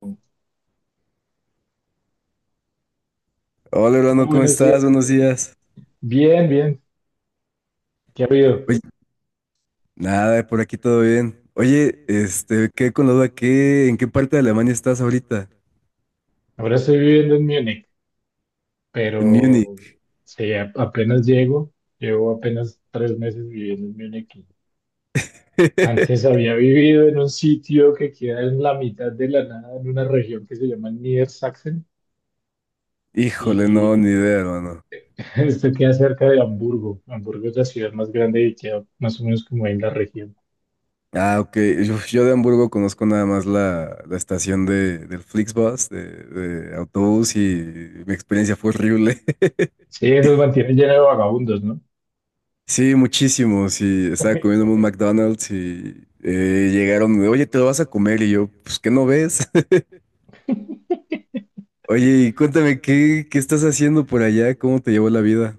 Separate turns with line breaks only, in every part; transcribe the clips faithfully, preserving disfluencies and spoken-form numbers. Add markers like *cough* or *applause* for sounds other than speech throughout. Hola,
Hola, hermano, ¿cómo
buenos
estás?
días.
Buenos días.
Bien, bien. ¿Qué ha habido?
Oye, nada, por aquí todo bien. Oye, este, quedé con la duda, ¿qué, en qué parte de Alemania estás ahorita?
Ahora estoy viviendo en Múnich,
En
pero
Múnich.
sí, a- apenas llego. Llevo apenas tres meses viviendo en Múnich. Y antes
*laughs*
había vivido en un sitio que queda en la mitad de la nada, en una región que se llama Niedersachsen.
Híjole, no, ni
Y
idea, hermano.
*laughs* esto queda cerca de Hamburgo. Hamburgo es la ciudad más grande y queda más o menos como ahí en la región.
Ah, ok. Yo, yo de Hamburgo conozco nada más la, la estación de, del Flixbus, de, de autobús, y mi experiencia fue horrible. *laughs*
Sí, eso mantiene lleno de vagabundos, ¿no?
Sí, muchísimo. Sí, estaba
*laughs*
comiendo en un McDonald's y eh, llegaron, oye, te lo vas a comer. Y yo, pues, ¿qué no ves? Oye, y cuéntame, ¿qué, qué estás haciendo por allá? ¿Cómo te llevó la vida?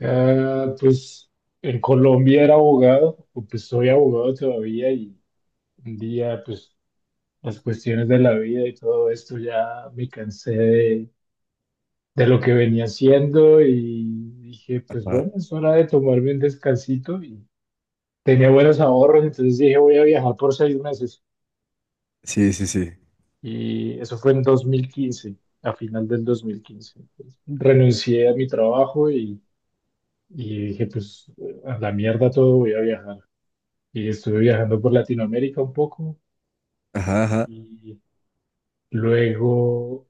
Ah, pues en Colombia era abogado, o pues soy abogado todavía. Y un día pues las cuestiones de la vida y todo esto ya me cansé de, de lo que venía haciendo y dije pues
Ajá.
bueno, es hora de tomarme un descansito. Y tenía buenos ahorros, entonces dije voy a viajar por seis meses,
Sí, sí, sí.
y eso fue en dos mil quince, a final del dos mil quince. Entonces, renuncié a mi trabajo, y, y dije pues a la mierda todo, voy a viajar. Y estuve viajando por Latinoamérica un poco
Ajá, ajá.
y luego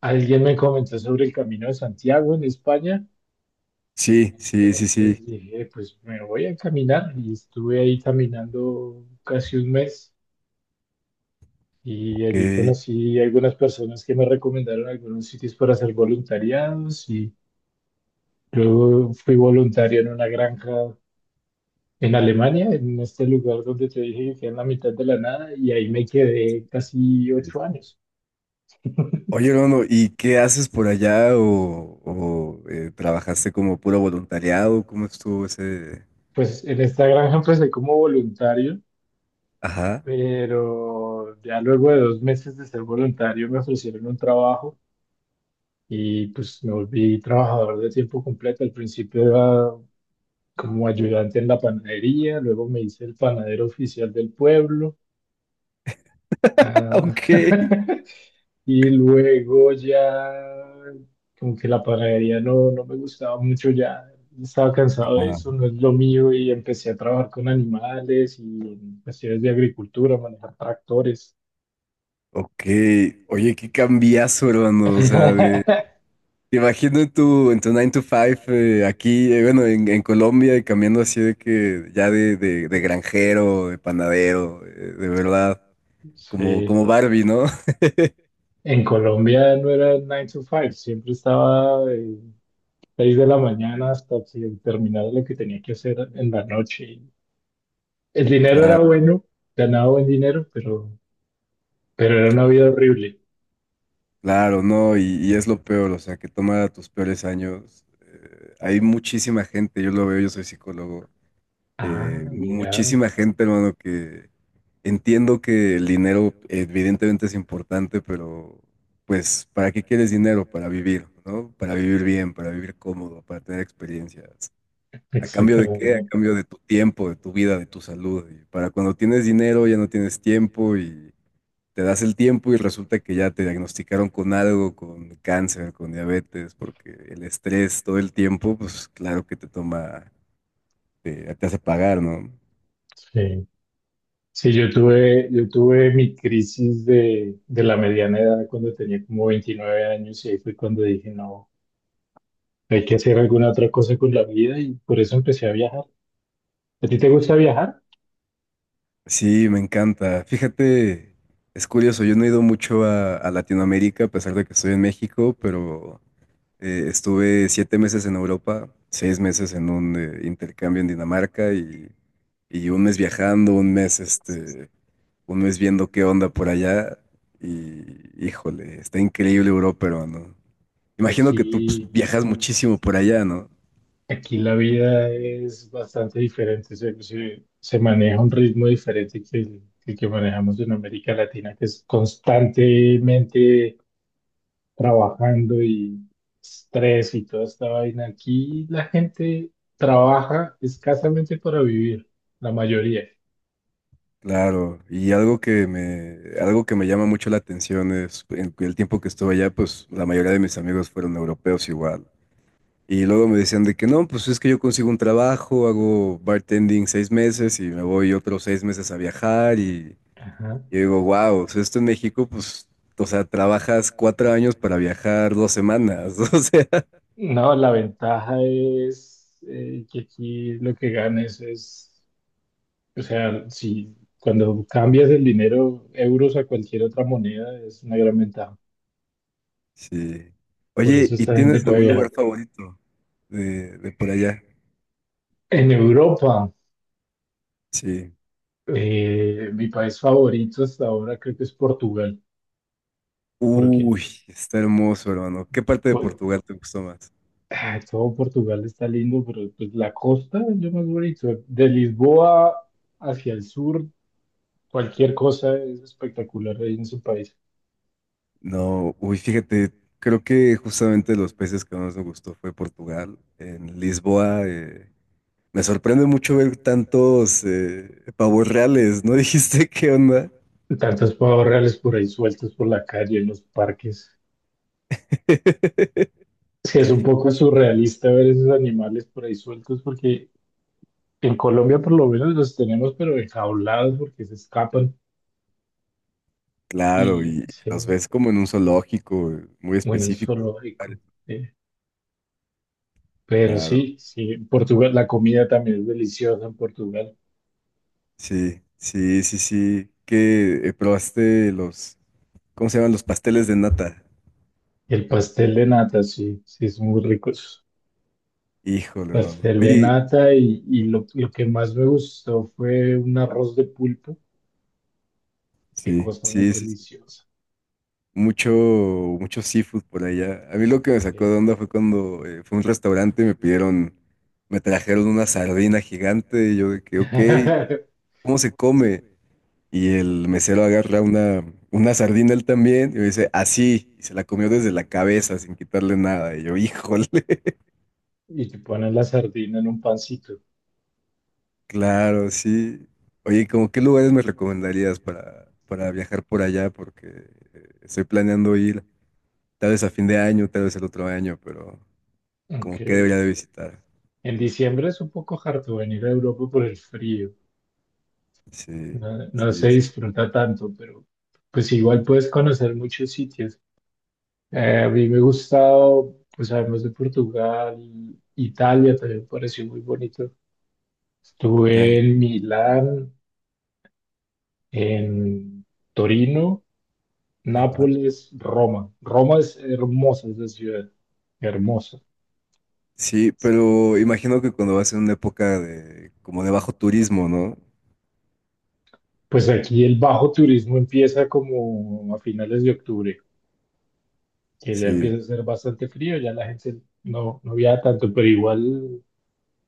alguien me comentó sobre el Camino de Santiago en España.
Sí, sí, sí, sí.
Entonces dije, pues me voy a caminar y estuve ahí caminando casi un mes y
Ok.
allí conocí algunas personas que me recomendaron algunos sitios para hacer voluntariados. Y luego fui voluntario en una granja en Alemania, en este lugar donde te dije que queda en la mitad de la nada y ahí me quedé casi ocho años.
Oye, hermano, ¿y qué haces por allá? ¿O, o, eh, trabajaste como puro voluntariado? ¿Cómo estuvo ese...?
Pues en esta granja empecé como voluntario,
Ajá.
pero ya luego de dos meses de ser voluntario me ofrecieron un trabajo y pues me volví trabajador de tiempo completo. Al principio era como ayudante en la panadería, luego me hice el panadero oficial del pueblo.
*laughs*
Ah,
Ok.
*laughs* y luego ya, como que la panadería no, no me gustaba mucho, ya estaba cansado de
Ajá.
eso, no es lo mío, y empecé a trabajar con animales y en cuestiones de agricultura, manejar tractores.
Ok. Oye, qué cambiazo, hermano. O sea,
*laughs*
te imagino en tu, en tu nine to five eh, aquí, eh, bueno, en, en Colombia y cambiando así de que ya de, de, de granjero, de panadero, eh, de verdad, como,
Sí,
como Barbie, ¿no? *laughs*
en Colombia no era nine to five, siempre estaba de seis de la mañana hasta que terminaba lo que tenía que hacer en la noche. El dinero era
Claro,
bueno, ganaba buen dinero, pero Pero era una vida horrible.
claro, no, y, y es lo peor, o sea, que toma tus peores años. Eh, hay muchísima gente, yo lo veo, yo soy psicólogo, eh,
Ah, mira,
muchísima gente, hermano, que entiendo que el dinero evidentemente es importante, pero pues, ¿para qué quieres dinero? Para vivir, ¿no? Para vivir bien, para vivir cómodo, para tener experiencias. ¿A cambio de qué? A
exactamente.
cambio de tu tiempo, de tu vida, de tu salud. Y para cuando tienes dinero ya no tienes tiempo y te das el tiempo y resulta que ya te diagnosticaron con algo, con cáncer, con diabetes, porque el estrés todo el tiempo, pues claro que te toma, te, te hace pagar, ¿no?
Sí. Sí, yo tuve, yo tuve mi crisis de, de la mediana edad cuando tenía como veintinueve años y ahí fue cuando dije, no, hay que hacer alguna otra cosa con la vida y por eso empecé a viajar. ¿A ti te gusta viajar?
Sí, me encanta. Fíjate, es curioso, yo no he ido mucho a, a Latinoamérica, a pesar de que estoy en México, pero eh, estuve siete meses en Europa, seis meses en un eh, intercambio en Dinamarca y, y un mes viajando, un mes, este, un mes viendo qué onda por allá. Y híjole, está increíble Europa, pero no. Imagino que tú pues,
Aquí,
viajas muchísimo por allá, ¿no?
aquí la vida es bastante diferente, se, se- se maneja un ritmo diferente que el que el que manejamos en América Latina, que es constantemente trabajando y estrés y toda esta vaina. Aquí la gente trabaja escasamente para vivir, la mayoría.
Claro, y algo que me, algo que me llama mucho la atención es, en el tiempo que estuve allá, pues la mayoría de mis amigos fueron europeos igual. Y luego me decían de que no, pues es que yo consigo un trabajo, hago bartending seis meses y me voy otros seis meses a viajar y,
Ajá.
y digo, wow, o sea, esto en México, pues, o sea, trabajas cuatro años para viajar dos semanas, *laughs* o sea,
No, la ventaja es eh, que aquí lo que ganes es, o sea, si cuando cambias el dinero euros a cualquier otra moneda es una gran ventaja.
sí.
Por
Oye,
eso
¿y
esta gente
tienes
puede
algún lugar
viajar.
favorito de, de por allá?
En Europa,
Sí.
eh, mi país favorito hasta ahora creo que es Portugal, porque
Uy, está hermoso, hermano. ¿Qué parte de
por-
Portugal te gustó más?
ah, todo Portugal está lindo, pero pues la costa es lo más bonito. De Lisboa hacia el sur, cualquier cosa es espectacular ahí en su país.
No, uy, fíjate, creo que justamente los países que más me gustó fue Portugal. En Lisboa, eh, me sorprende mucho ver tantos eh, pavos reales, ¿no *laughs* dijiste qué onda?
Tantos pavos reales por ahí sueltos por la calle, en los parques.
*laughs*
Es que es un poco surrealista ver esos animales por ahí sueltos, porque en Colombia por lo menos los tenemos, pero enjaulados porque se escapan.
Claro,
Y
y los
sí,
ves como en un zoológico eh, muy
bueno, es
específico.
solo sí. Pero
Claro,
sí, sí, en Portugal, la comida también es deliciosa en Portugal.
sí, sí, sí, sí. ¿Qué eh, probaste los, ¿cómo se llaman? Los pasteles de nata.
El pastel de nata, sí, sí, es muy rico eso.
Híjole, hermano.
Pastel de
Oye,
nata y, y lo, lo que más me gustó fue un arroz de pulpo. Qué
sí,
cosa más
sí, sí, sí.
deliciosa.
Mucho, mucho seafood por allá. A mí lo que me sacó de
Sí.
onda fue cuando eh, fue a un restaurante y me pidieron, me trajeron una sardina gigante y yo de que, ok,
*laughs*
¿cómo se come? Y el mesero agarra una, una sardina él también y me dice, así, y se la comió desde la cabeza sin quitarle nada. Y yo, híjole, *laughs*
Y te ponen la sardina en un pancito.
claro, sí. Oye, ¿cómo qué lugares me recomendarías para, para viajar por allá? Porque eh, estoy planeando ir tal vez a fin de año, tal vez el otro año, pero... Como
Aunque
que debería de visitar.
en diciembre es un poco harto venir a Europa por el frío.
Sí,
No, no
sí, sí.
se
Sí.
disfruta tanto, pero pues igual puedes conocer muchos sitios. Eh, a mí me ha gustado, pues además de Portugal, Italia también me pareció muy bonito. Estuve
Italia.
en Milán, en Torino,
Ajá.
Nápoles, Roma. Roma es hermosa esa ciudad, hermosa.
Sí, pero imagino que cuando vas en una época de como de bajo turismo, ¿no?
Pues aquí el bajo turismo empieza como a finales de octubre, que ya
Sí,
empieza a ser bastante frío, ya la gente no, no viaja tanto, pero igual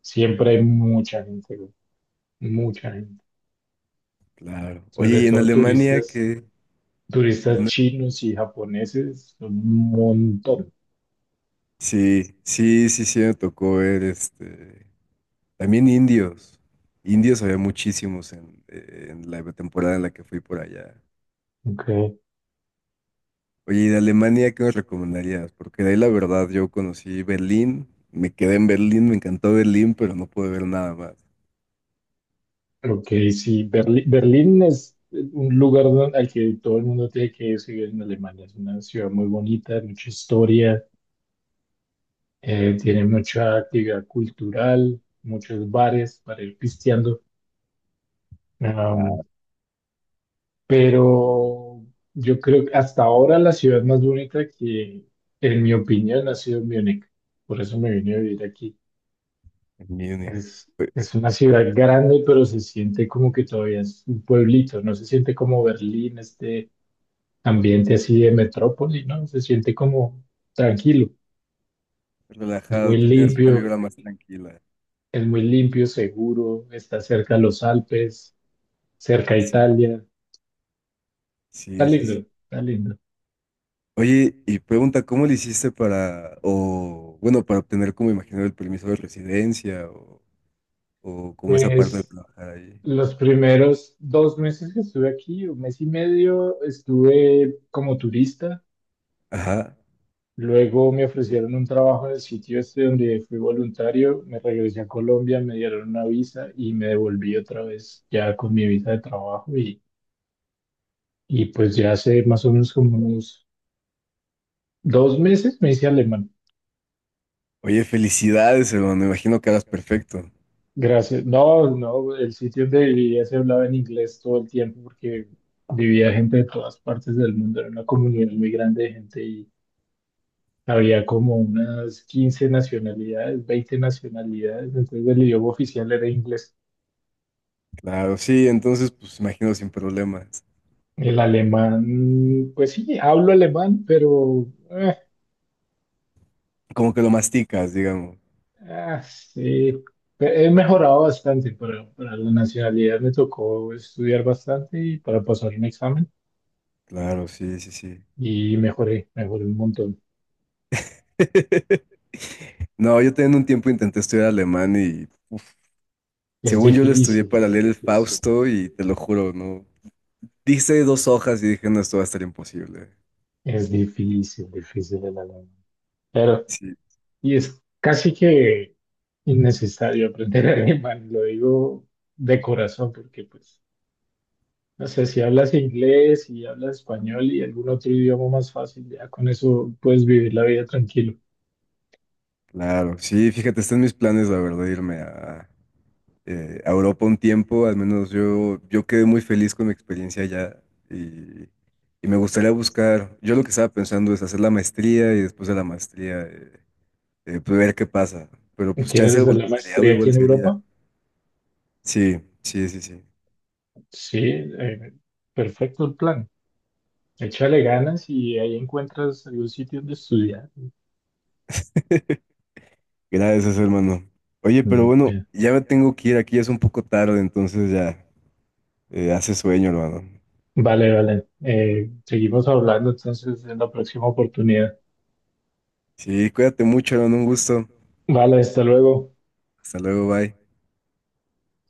siempre hay mucha gente, güey, mucha gente.
claro. Oye,
Sobre
¿y en
todo
Alemania
turistas,
qué?
turistas
¿Mande?
chinos y japoneses, un montón.
Sí, sí, sí, sí, me tocó ver este. También indios. Indios había muchísimos en, en la temporada en la que fui por allá.
Ok.
Oye, ¿y de Alemania qué nos recomendarías? Porque de ahí la verdad yo conocí Berlín, me quedé en Berlín, me encantó Berlín, pero no pude ver nada más.
Ok, sí, Berlín, Berlín es un lugar don- al que todo el mundo tiene que ir si vive en Alemania. Es una ciudad muy bonita, mucha historia, eh, tiene mucha actividad cultural, muchos bares para ir pisteando. Am, pero yo creo que hasta ahora la ciudad más bonita que, en mi opinión, ha sido Múnich. Por eso me vine a vivir aquí.
En Múnich.
Es,
Re-
es una ciudad grande, pero se siente como que todavía es un pueblito, no se siente como Berlín, este ambiente así de metrópoli, ¿no? Se siente como tranquilo, es muy
relajado, tú tienes una
limpio,
vibra más tranquila.
es muy limpio, seguro, está cerca de los Alpes, cerca a
Sí,
Italia, está
sí, sí,
lindo,
sí.
está lindo.
Oye, y pregunta, ¿cómo le hiciste para, o bueno, para obtener como imagino el permiso de residencia o, o como esa parte de
Pues
trabajar ahí?
los primeros dos meses que estuve aquí, un mes y medio, estuve como turista.
Ajá.
Luego me ofrecieron un trabajo en el sitio este donde fui voluntario, me regresé a Colombia, me dieron una visa y me devolví otra vez ya con mi visa de trabajo. Y pues ya hace más o menos como unos dos meses me hice alemán.
Oye, felicidades, hermano. Imagino que harás perfecto.
Gracias. No, no, el sitio donde vivía se hablaba en inglés todo el tiempo porque vivía gente de todas partes del mundo. Era una comunidad muy grande de gente y había como unas quince nacionalidades, veinte nacionalidades. Entonces el idioma oficial era inglés.
Claro, sí, entonces, pues imagino sin problemas.
El alemán, pues sí, hablo alemán, pero eh,
Como que lo masticas, digamos.
ah, sí. He he mejorado bastante para, para la nacionalidad. Me tocó estudiar bastante y para pasar un examen
Claro, sí, sí, sí.
y mejoré, mejoré un montón.
*laughs* No, yo también un tiempo intenté estudiar alemán y uf,
Es
según yo lo estudié
difícil,
para
es
leer el
difícil,
Fausto y te lo juro, no. Dice dos hojas y dije, no, esto va a estar imposible.
es difícil, difícil el alemán. Pero,
Sí,
y es casi que innecesario aprender *laughs* alemán, lo digo de corazón, porque pues, no sé, si hablas inglés y hablas español y algún otro idioma más fácil, ya con eso puedes vivir la vida tranquilo.
claro, sí, fíjate, están mis planes, la verdad, irme a, eh, a Europa un tiempo, al menos yo, yo quedé muy feliz con mi experiencia allá y, y me gustaría buscar, yo lo que estaba pensando es hacer la maestría y después de la maestría eh, eh, pues ver qué pasa, pero pues chance
¿Quieres
de
de la
voluntariado
maestría aquí
igual
en
sería,
Europa?
sí, sí, sí, sí.
Sí, eh, perfecto el plan. Échale ganas y ahí encuentras algún sitio donde estudiar.
*laughs* Gracias, hermano. Oye, pero
Mm,
bueno,
eh,
ya me tengo que ir, aquí ya es un poco tarde, entonces ya eh, hace sueño, hermano.
Vale, vale. Eh, seguimos hablando entonces en la próxima oportunidad.
Sí, cuídate mucho, hermano, un gusto.
Vale, hasta luego.
Hasta luego, bye.